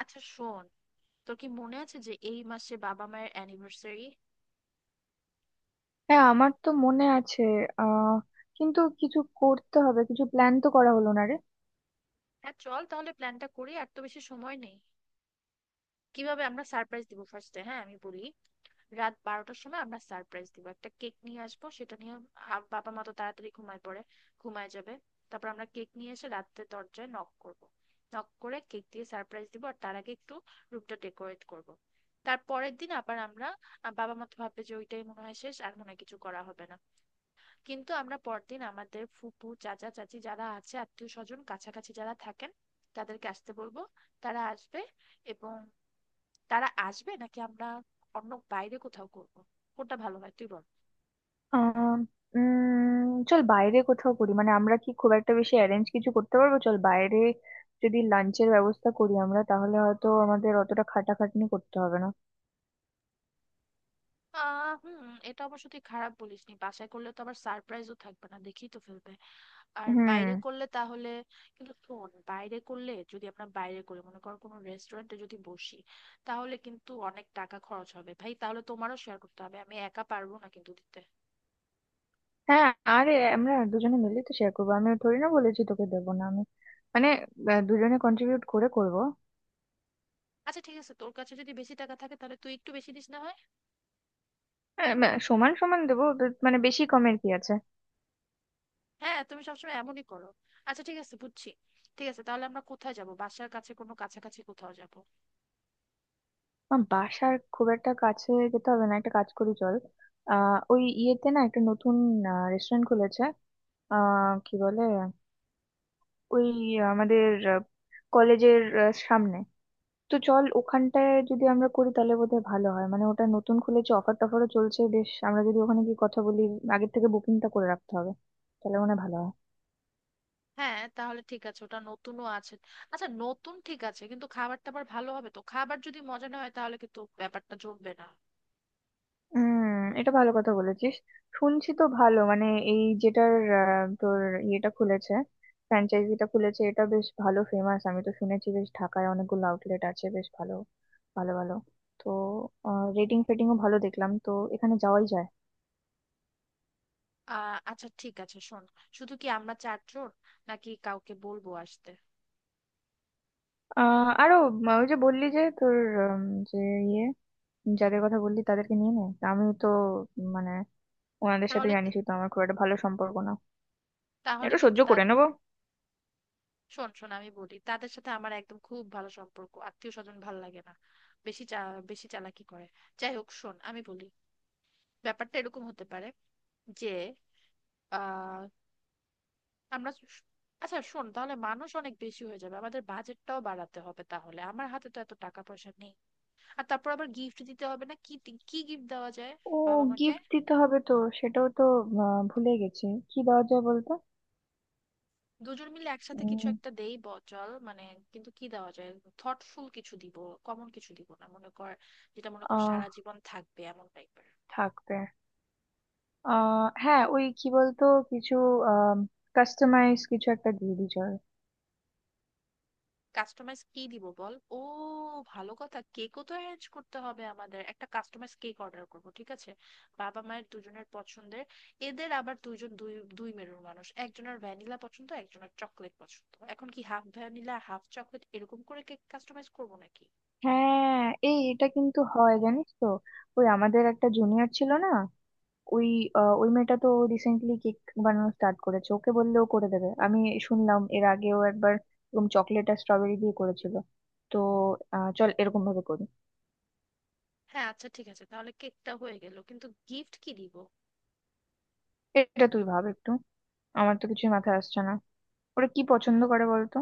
আচ্ছা শোন, তোর কি মনে আছে যে এই মাসে বাবা মায়ের অ্যানিভার্সারি? হ্যাঁ, আমার তো মনে আছে। আহ কিন্তু কিছু করতে হবে, কিছু প্ল্যান তো করা হলো না রে। হ্যাঁ, চল তাহলে প্ল্যানটা করি, আর তো বেশি সময় নেই। কিভাবে আমরা সারপ্রাইজ দিব ফার্স্টে? হ্যাঁ, আমি বলি। রাত 12টার সময় আমরা সারপ্রাইজ দিব, একটা কেক নিয়ে আসবো সেটা নিয়ে। বাবা মা তো তাড়াতাড়ি ঘুমায় পড়ে, ঘুমায় যাবে। তারপর আমরা কেক নিয়ে এসে রাতে দরজায় নক করব। নক করে কেক দিয়ে সারপ্রাইজ দিব, আর তার আগে একটু রুমটা ডেকোরেট করব। তার পরের দিন আবার আমরা, বাবা মা তো ভাববে যে ওইটাই মনে হয় শেষ, আর মনে হয় কিছু করা হবে না। কিন্তু আমরা পরদিন আমাদের ফুপু চাচা চাচি যারা আছে, আত্মীয় স্বজন কাছাকাছি যারা থাকেন, তাদেরকে আসতে বলবো। তারা আসবে, এবং তারা আসবে নাকি আমরা অন্য বাইরে কোথাও করব? কোনটা ভালো হয় তুই বল। আহ উম চল বাইরে কোথাও করি, মানে আমরা কি খুব একটা বেশি অ্যারেঞ্জ কিছু করতে পারবো? চল বাইরে, যদি লাঞ্চের ব্যবস্থা করি আমরা, তাহলে হয়তো আমাদের অতটা খাটাখাটনি করতে হবে না। হুম। এটা অবশ্য তুই খারাপ বলিসনি, বাসায় করলে তো আবার সারপ্রাইজও থাকবে না, দেখেই তো ফেলবে। আর বাইরে হুম। করলে তাহলে, কিন্তু শোন, বাইরে করলে যদি আমরা বাইরে করি, মনে কর কোনো রেস্টুরেন্টে যদি বসি, তাহলে কিন্তু অনেক টাকা খরচ হবে, ভাই। তাহলে তোমারও শেয়ার করতে হবে, আমি একা পারবো না কিন্তু দিতে। হ্যাঁ, আরে আমরা দুজনে মিলে তো শেয়ার করবো, আমি থোড়ি না বলেছি তোকে দেবো না আমি। মানে দুজনে কন্ট্রিবিউট করে করবো। আচ্ছা ঠিক আছে, তোর কাছে যদি বেশি টাকা থাকে তাহলে তুই একটু বেশি দিস না হয়। না, সমান সমান দেবো তো, মানে বেশি কমের কি আছে। হ্যাঁ, তুমি সবসময় এমনই করো। আচ্ছা ঠিক আছে, বুঝছি। ঠিক আছে তাহলে আমরা কোথায় যাব? বাসার কাছে কোনো কাছাকাছি কোথাও যাব? আমার বাসার খুব একটা কাছে যেতে হবে না, একটা কাজ করি চল। ওই ইয়েতে না একটা নতুন রেস্টুরেন্ট খুলেছে। কি বলে, ওই আমাদের কলেজের সামনে। তো চল ওখানটায় যদি আমরা করি, তাহলে বোধহয় ভালো হয়। মানে ওটা নতুন খুলেছে, অফার টফারও চলছে বেশ। আমরা যদি ওখানে গিয়ে কথা বলি, আগের থেকে বুকিংটা করে রাখতে হবে, তাহলে মনে হয় ভালো হয়। হ্যাঁ তাহলে ঠিক আছে, ওটা নতুনও আছে। আচ্ছা নতুন ঠিক আছে, কিন্তু খাবার টাবার ভালো হবে তো? খাবার যদি মজা না হয় তাহলে কিন্তু ব্যাপারটা জমবে না। হুম। এটা ভালো কথা বলেছিস। শুনছি তো ভালো, মানে এই যেটার তোর ইয়েটা খুলেছে, ফ্র্যাঞ্চাইজিটা খুলেছে, এটা বেশ ভালো ফেমাস। আমি তো শুনেছি বেশ, ঢাকায় অনেকগুলো আউটলেট আছে, বেশ ভালো ভালো ভালো। তো রেটিং ফেটিংও ভালো দেখলাম, তো এখানে যাওয়াই যায়। আচ্ছা ঠিক আছে, শোন। শুধু কি আমরা চারজন নাকি কাউকে বলবো আসতে? আরো ওই যে বললি যে তোর, উম, যে ইয়ে, যাদের কথা বললি তাদেরকে নিয়ে নে। তা আমি তো মানে ওনাদের সাথে তাহলে, জানিসই তো আমার খুব একটা ভালো সম্পর্ক না। এটা সহ্য কিন্তু করে তাদের, নেবো। শোন শোন, আমি বলি, তাদের সাথে আমার একদম খুব ভালো সম্পর্ক, আত্মীয় স্বজন ভালো লাগে না, বেশি চা বেশি চালাকি করে। যাই হোক, শোন আমি বলি, ব্যাপারটা এরকম হতে পারে যে আহ আমরা আচ্ছা শোন, তাহলে মানুষ অনেক বেশি হয়ে যাবে, আমাদের বাজেটটাও বাড়াতে হবে, তাহলে আমার হাতে তো এত টাকা পয়সা নেই। আর তারপর আবার গিফট দিতে হবে না? কি গিফট দেওয়া যায় ও, বাবা মাকে? গিফট দিতে হবে তো, সেটাও তো ভুলে গেছি। কি দেওয়া যায় বলতো? দুজন মিলে একসাথে কিছু উম। একটা দেই বচল মানে। কিন্তু কি দেওয়া যায়? থটফুল কিছু দিব, কমন কিছু দিব না, মনে কর যেটা মনে কর আহ সারা জীবন থাকবে এমন টাইপের। থাকবে আহ হ্যাঁ, ওই কি বলতো, কিছু কাস্টমাইজ কিছু একটা দিয়ে দিই চল। কাস্টমাইজ কি দিব বল। ও ভালো কথা, কেকও তো অ্যারেঞ্জ করতে হবে। আমাদের একটা কাস্টমাইজ কেক অর্ডার করব, ঠিক আছে? বাবা মায়ের দুজনের পছন্দের। এদের আবার দুইজন, দুই দুই মেরুর মানুষ, একজনের ভ্যানিলা পছন্দ, একজনের চকলেট পছন্দ। এখন কি হাফ ভ্যানিলা হাফ চকলেট এরকম করে কেক কাস্টমাইজ করব নাকি? হ্যাঁ, এই এটা কিন্তু হয় জানিস তো। ওই আমাদের একটা জুনিয়র ছিল না, ওই ওই মেয়েটা তো রিসেন্টলি কেক বানানো স্টার্ট করেছে, ওকে বললেও করে দেবে। আমি শুনলাম এর আগেও একবার এরকম চকলেট আর স্ট্রবেরি দিয়ে করেছিল। তো চল এরকম ভাবে করি। হ্যাঁ আচ্ছা ঠিক আছে, তাহলে কেকটা হয়ে গেল, কিন্তু গিফট কি দিব? এটা তুই ভাব একটু, আমার তো কিছুই মাথায় আসছে না। ওরা কি পছন্দ করে বলতো?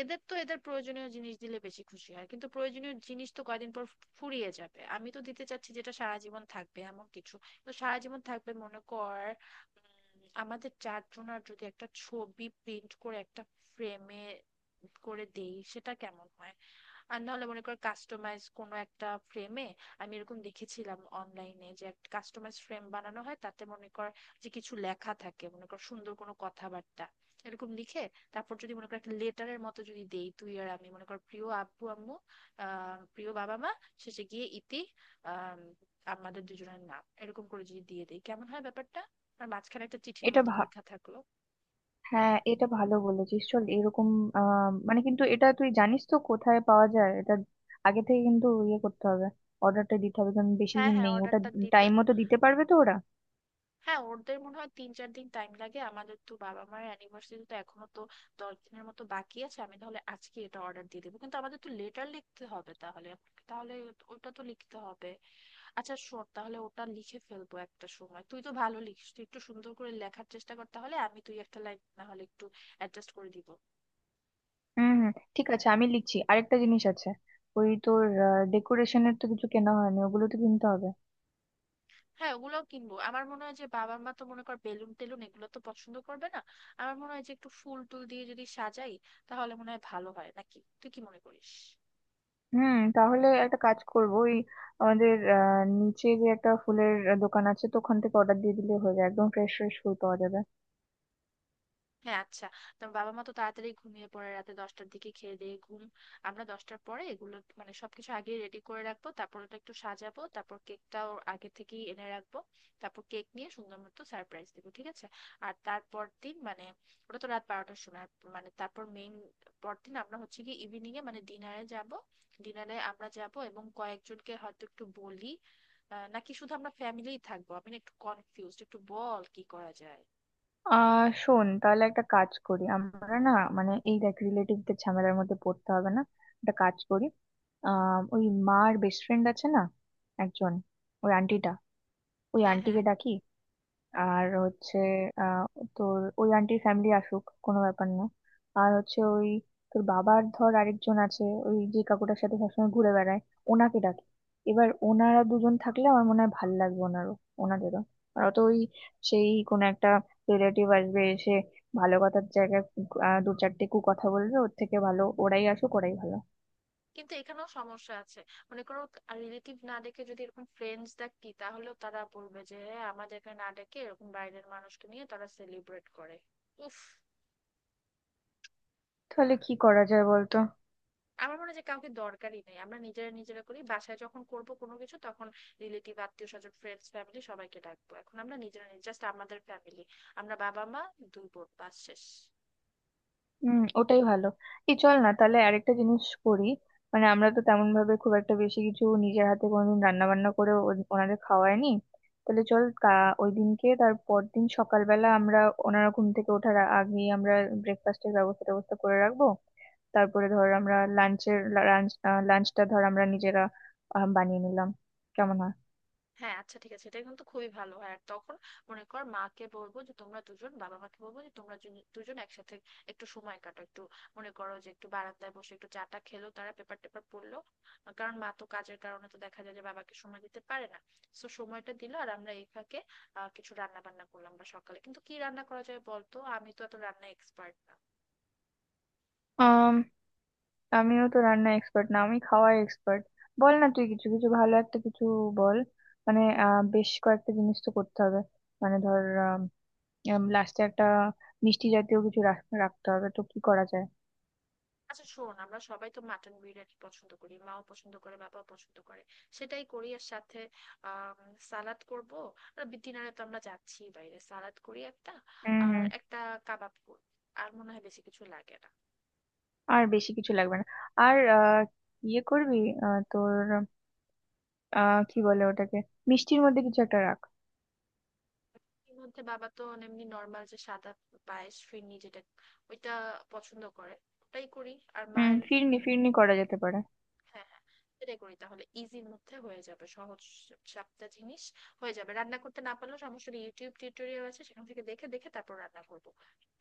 এদের তো, এদের প্রয়োজনীয় জিনিস দিলে বেশি খুশি হয়, কিন্তু প্রয়োজনীয় জিনিস তো কয়দিন পর ফুরিয়ে যাবে। আমি তো দিতে চাচ্ছি যেটা সারা জীবন থাকবে এমন কিছু। তো সারা জীবন থাকবে মনে কর, আমাদের চারজনার যদি একটা ছবি প্রিন্ট করে একটা ফ্রেমে করে দেই, সেটা কেমন হয়? আর নাহলে মনে কর কাস্টমাইজ কোনো একটা ফ্রেমে, আমি এরকম দেখেছিলাম অনলাইনে যে একটা কাস্টমাইজ ফ্রেম বানানো হয়, তাতে মনে কর যে কিছু লেখা থাকে, মনে কর সুন্দর কোনো কথাবার্তা এরকম লিখে। তারপর যদি মনে কর একটা লেটারের মতো যদি দেই, তুই আর আমি, মনে কর প্রিয় আব্বু আম্মু, প্রিয় বাবা মা, শেষে গিয়ে ইতি, আহ আমাদের দুজনের নাম, এরকম করে যদি দিয়ে দিই কেমন হয় ব্যাপারটা? আর মাঝখানে একটা চিঠির এটা মতো ভা- লেখা থাকলো। হ্যাঁ, এটা ভালো বলেছিস, চল এরকম। মানে কিন্তু এটা তুই জানিস তো কোথায় পাওয়া যায় এটা? আগে থেকে কিন্তু ইয়ে করতে হবে, অর্ডারটা দিতে হবে, কারণ বেশি হ্যাঁ দিন হ্যাঁ, নেই ওটা। অর্ডারটা দিতে। টাইম মতো দিতে পারবে তো ওরা? হ্যাঁ, ওদের মনে হয় তিন চার দিন টাইম লাগে, আমাদের তো বাবা মায়ের অ্যানিভার্সারি তো এখনো তো 10 দিনের মতো বাকি আছে। আমি তাহলে আজকে এটা অর্ডার দিয়ে দেবো, কিন্তু আমাদের তো লেটার লিখতে হবে তাহলে। তাহলে ওটা তো লিখতে হবে। আচ্ছা শোন, তাহলে ওটা লিখে ফেলবো একটা সময়, তুই তো ভালো লিখিস, তুই একটু সুন্দর করে লেখার চেষ্টা কর, তাহলে আমি, তুই একটা লাইন না হলে একটু অ্যাডজাস্ট করে দিব। হুম হুম, ঠিক আছে, আমি লিখছি। আরেকটা জিনিস আছে, ওই তোর ডেকোরেশনের তো কিছু কেনা হয়নি, ওগুলো তো কিনতে হবে। হ্যাঁ, ওগুলোও কিনবো। আমার মনে হয় যে বাবা মা তো মনে কর বেলুন টেলুন এগুলো তো পছন্দ করবে না, আমার মনে হয় যে একটু ফুল টুল দিয়ে যদি সাজাই তাহলে মনে হয় ভালো হয়, নাকি তুই কি মনে করিস? হুম, তাহলে একটা কাজ করবো, ওই আমাদের নিচে যে একটা ফুলের দোকান আছে তো, ওখান থেকে অর্ডার দিয়ে দিলে হয়ে যায়, একদম ফ্রেশ ফ্রেশ ফুল পাওয়া যাবে। হ্যাঁ আচ্ছা। তোমার বাবা মা তো তাড়াতাড়ি ঘুমিয়ে পড়ে রাতে, 10টার দিকে খেয়ে দিয়ে ঘুম। আমরা 10টার পরে এগুলো মানে সবকিছু আগে রেডি করে রাখবো, তারপর ওটা একটু সাজাবো, তারপর কেকটাও আগে থেকেই এনে রাখবো। তারপর কেক নিয়ে সুন্দর মতো সারপ্রাইজ দেবো, ঠিক আছে? আর তারপর দিন মানে, ওটা তো রাত 12টার সময়, মানে তারপর মেইন, পরদিন আমরা হচ্ছে কি ইভিনিং এ মানে ডিনারে যাব। ডিনারে আমরা যাব এবং কয়েকজনকে হয়তো একটু বলি, নাকি শুধু আমরা ফ্যামিলিই থাকবো? আমি না একটু কনফিউজড, একটু বল কি করা যায়। শোন, তাহলে একটা কাজ করি আমরা না, মানে এই দেখ রিলেটিভদের ঝামেলার মধ্যে পড়তে হবে না। একটা কাজ করি, ওই মার বেস্ট ফ্রেন্ড আছে না একজন, ওই আন্টিটা, ওই হ্যাঁ হ্যাঁ। আন্টিকে ডাকি। আর হচ্ছে আহ তোর ওই আন্টির ফ্যামিলি আসুক, কোনো ব্যাপার না। আর হচ্ছে ওই তোর বাবার ধর আরেকজন আছে, ওই যে কাকুটার সাথে সবসময় ঘুরে বেড়ায়, ওনাকে ডাকি। এবার ওনারা দুজন থাকলে আমার মনে হয় ভাল লাগবে, ওনারও, ওনাদেরও। আর অত ওই সেই কোনো একটা রিলেটিভ আসবে, এসে ভালো কথার জায়গায় দু চারটে কু কথা বলবে, ওর থেকে ভালো ওরাই আসুক, ওরাই ভালো। কিন্তু এখানেও সমস্যা আছে। মনে করো, রিলেটিভ না ডেকে যদি এরকম ফ্রেন্ডস ডাকি, তাহলেও তারা বলবে যে হ্যাঁ, আমাদেরকে না ডেকে এরকম বাইরের মানুষকে নিয়ে তারা সেলিব্রেট করে। উফ। তাহলে কি করা যায় বলতো? আমার মনে হয় যে কাউকে দরকারই নেই, আমরা নিজেরা নিজেরা করি, বাসায় যখন করব কোনো কিছু তখন রিলেটিভ আত্মীয় স্বজন ফ্রেন্ডস ফ্যামিলি সবাইকে ডাকবো। এখন আমরা নিজেরা, জাস্ট আমাদের ফ্যামিলি, আমরা, বাবা মা, দুই বোন, বাস শেষ। হুম, ওটাই ভালো। এই চল না তাহলে আরেকটা জিনিস করি, মানে আমরা তো তেমন ভাবে খুব একটা বেশি কিছু নিজের হাতে কোনোদিন রান্না বান্না করে ওনাদের খাওয়ায়নি। তাহলে চল ওই দিনকে তার পরদিন সকালবেলা আমরা, ওনারা ঘুম থেকে ওঠার আগেই আমরা ব্রেকফাস্টের ব্যবস্থা ব্যবস্থা করে রাখবো। তারপরে ধর আমরা লাঞ্চের লাঞ্চ লাঞ্চটা ধর আমরা নিজেরা বানিয়ে নিলাম, কেমন হ্যাঁ আচ্ছা ঠিক আছে, এটা কিন্তু খুবই ভালো হয়। আর তখন মনে কর মাকে বলবো যে তোমরা দুজন, বাবা মাকে বলবো যে তোমরা দুজন একসাথে একটু সময় কাটাও, একটু মনে করো যে একটু বারান্দায় বসে একটু চাটা খেলো, তারা পেপার টেপার পড়লো, কারণ মা তো কাজের কারণে তো দেখা যায় যে বাবাকে সময় দিতে পারে না। তো সময়টা দিল, আর আমরা এই ফাঁকে কিছু রান্না বান্না করলাম। বা সকালে কিন্তু কি রান্না করা যায় বলতো, আমি তো এত রান্না এক্সপার্ট। হয়? আমিও তো রান্না এক্সপার্ট না, আমি খাওয়ায় এক্সপার্ট। বল না তুই কিছু, কিছু ভালো একটা কিছু বল। মানে বেশ কয়েকটা জিনিস তো করতে হবে, মানে ধর লাস্টে একটা মিষ্টি জাতীয় কিছু রাখতে হবে, তো কি করা যায়? আচ্ছা শোন, আমরা সবাই তো মাটন বিরিয়ানি পছন্দ করি, মাও পছন্দ করে, বাবাও পছন্দ করে। সেটাই করি, আর সাথে আম, সালাদ করব। ডিনারে তো আমরা যাচ্ছি বাইরে, সালাদ করি একটা, হুম আর হুম। একটা কাবাব করব, আর মনে হয় বেশি কিছু লাগে না। আর বেশি কিছু লাগবে না। আর ইয়ে করবি তোর, কি বলে ওটাকে, মিষ্টির মধ্যে কিছু একটা রাখ। এর মধ্যে বাবা তো এমনি নর্মাল যে সাদা পায়েস, ফিরনি, যেটা ওইটা পছন্দ করে, ওটাই করি। আর হুম, মায়ের, ফিরনি ফিরনি করা যেতে পারে। হ্যাঁ হ্যাঁ, সেটাই করি তাহলে। ইজির মধ্যে হয়ে যাবে, সহজ সাপটা জিনিস হয়ে যাবে। রান্না করতে না পারলেও সমস্যা নেই, ইউটিউব টিউটোরিয়াল আছে, সেখান থেকে দেখে দেখে তারপর রান্না করবো।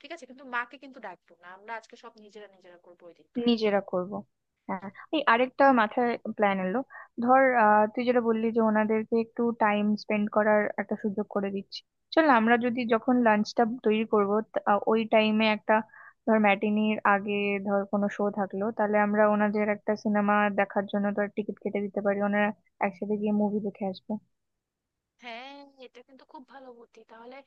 ঠিক আছে, কিন্তু মাকে কিন্তু ডাকবো না আমরা, আজকে সব নিজেরা নিজেরা করবো ওই দিনকার। নিজেরা করব। হ্যাঁ, এই আরেকটা মাথায় প্ল্যান এলো। ধর তুই যেটা বললি যে ওনাদেরকে একটু টাইম স্পেন্ড করার একটা সুযোগ করে দিচ্ছি, চল না, আমরা যদি যখন লাঞ্চটা তৈরি করব, ওই টাইমে একটা ধর ম্যাটিনির আগে ধর কোনো শো থাকলো, তাহলে আমরা ওনাদের একটা সিনেমা দেখার জন্য ধর টিকিট কেটে দিতে পারি, ওনারা একসাথে গিয়ে মুভি দেখে আসবে। হ্যাঁ, এটা কিন্তু খুব ভালো বুদ্ধি তাহলে।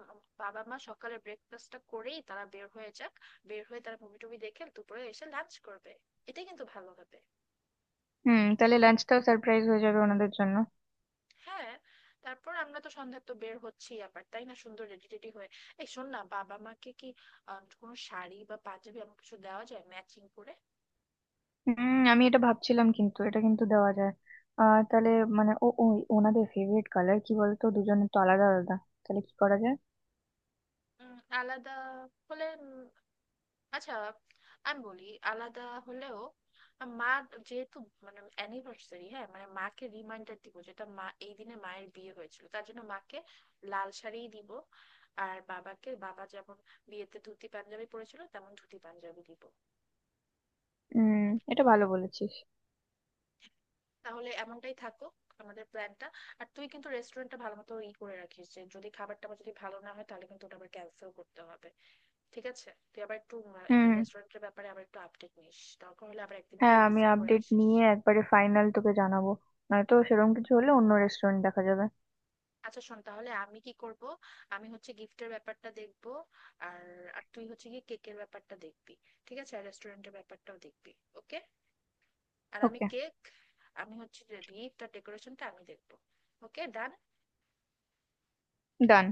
বাবা মা সকালে ব্রেকফাস্টটা করেই তারা বের হয়ে যাক, বের হয়ে তারা মুভি টুভি দেখে দুপুরে এসে লাঞ্চ করবে, এটাই কিন্তু ভালো হবে। হুম, তাহলে লাঞ্চটাও সারপ্রাইজ হয়ে যাবে ওনাদের জন্য। হ্যাঁ। তারপর আমরা তো সন্ধ্যায় তো বের হচ্ছি আবার, তাই না, সুন্দর রেডি টেডি হয়ে। এই শোন না, বাবা মাকে কি কোনো শাড়ি বা পাঞ্জাবি এমন কিছু দেওয়া যায় ম্যাচিং করে? হুম, আমি এটা ভাবছিলাম, কিন্তু এটা কিন্তু দেওয়া যায়। তাহলে মানে ওই ওনাদের ফেভারিট কালার কি বলতো, দুজনের তো আলাদা আলাদা, তাহলে কি করা যায়? আলাদা হলে আচ্ছা, আমি বলি আলাদা হলেও, মা যেহেতু মানে অ্যানিভার্সারি, হ্যাঁ মানে মাকে রিমাইন্ডার দিব যেটা মা এই দিনে মায়ের বিয়ে হয়েছিল, তার জন্য মাকে লাল শাড়িই দিব। আর বাবাকে, বাবা যেমন বিয়েতে ধুতি পাঞ্জাবি পরেছিল, তেমন ধুতি পাঞ্জাবি দিব। হুম, এটা ভালো বলেছিস। তাহলে এমনটাই থাকো আমাদের প্ল্যানটা। আর তুই কিন্তু রেস্টুরেন্টটা ভালো মতো ই করে রাখিস, যে যদি খাবারটা আবার যদি ভালো না হয় তাহলে কিন্তু ওটা আবার ক্যান্সেল করতে হবে। ঠিক আছে, তুই আবার একটু হুম। রেস্টুরেন্টের ব্যাপারে আবার একটু আপডেট নিস, দরকার হলে আবার একদিন হ্যাঁ, গিয়ে আমি ভিজিট করে আপডেট আসিস। নিয়ে একবারে ফাইনাল তোকে জানাবো, নয়তো সেরকম কিছু হলে অন্য রেস্টুরেন্ট দেখা যাবে। আচ্ছা শোন তাহলে আমি কি করব? আমি হচ্ছে গিফটের ব্যাপারটা দেখব, আর, আর তুই হচ্ছে গিয়ে কেকের ব্যাপারটা দেখবি, ঠিক আছে? আর রেস্টুরেন্টের ব্যাপারটাও দেখবি। ওকে। আর আমি ওকে কেক, আমি হচ্ছে গিফট আর ডেকোরেশনটা আমি দেখবো। ওকে, ডান। ডান।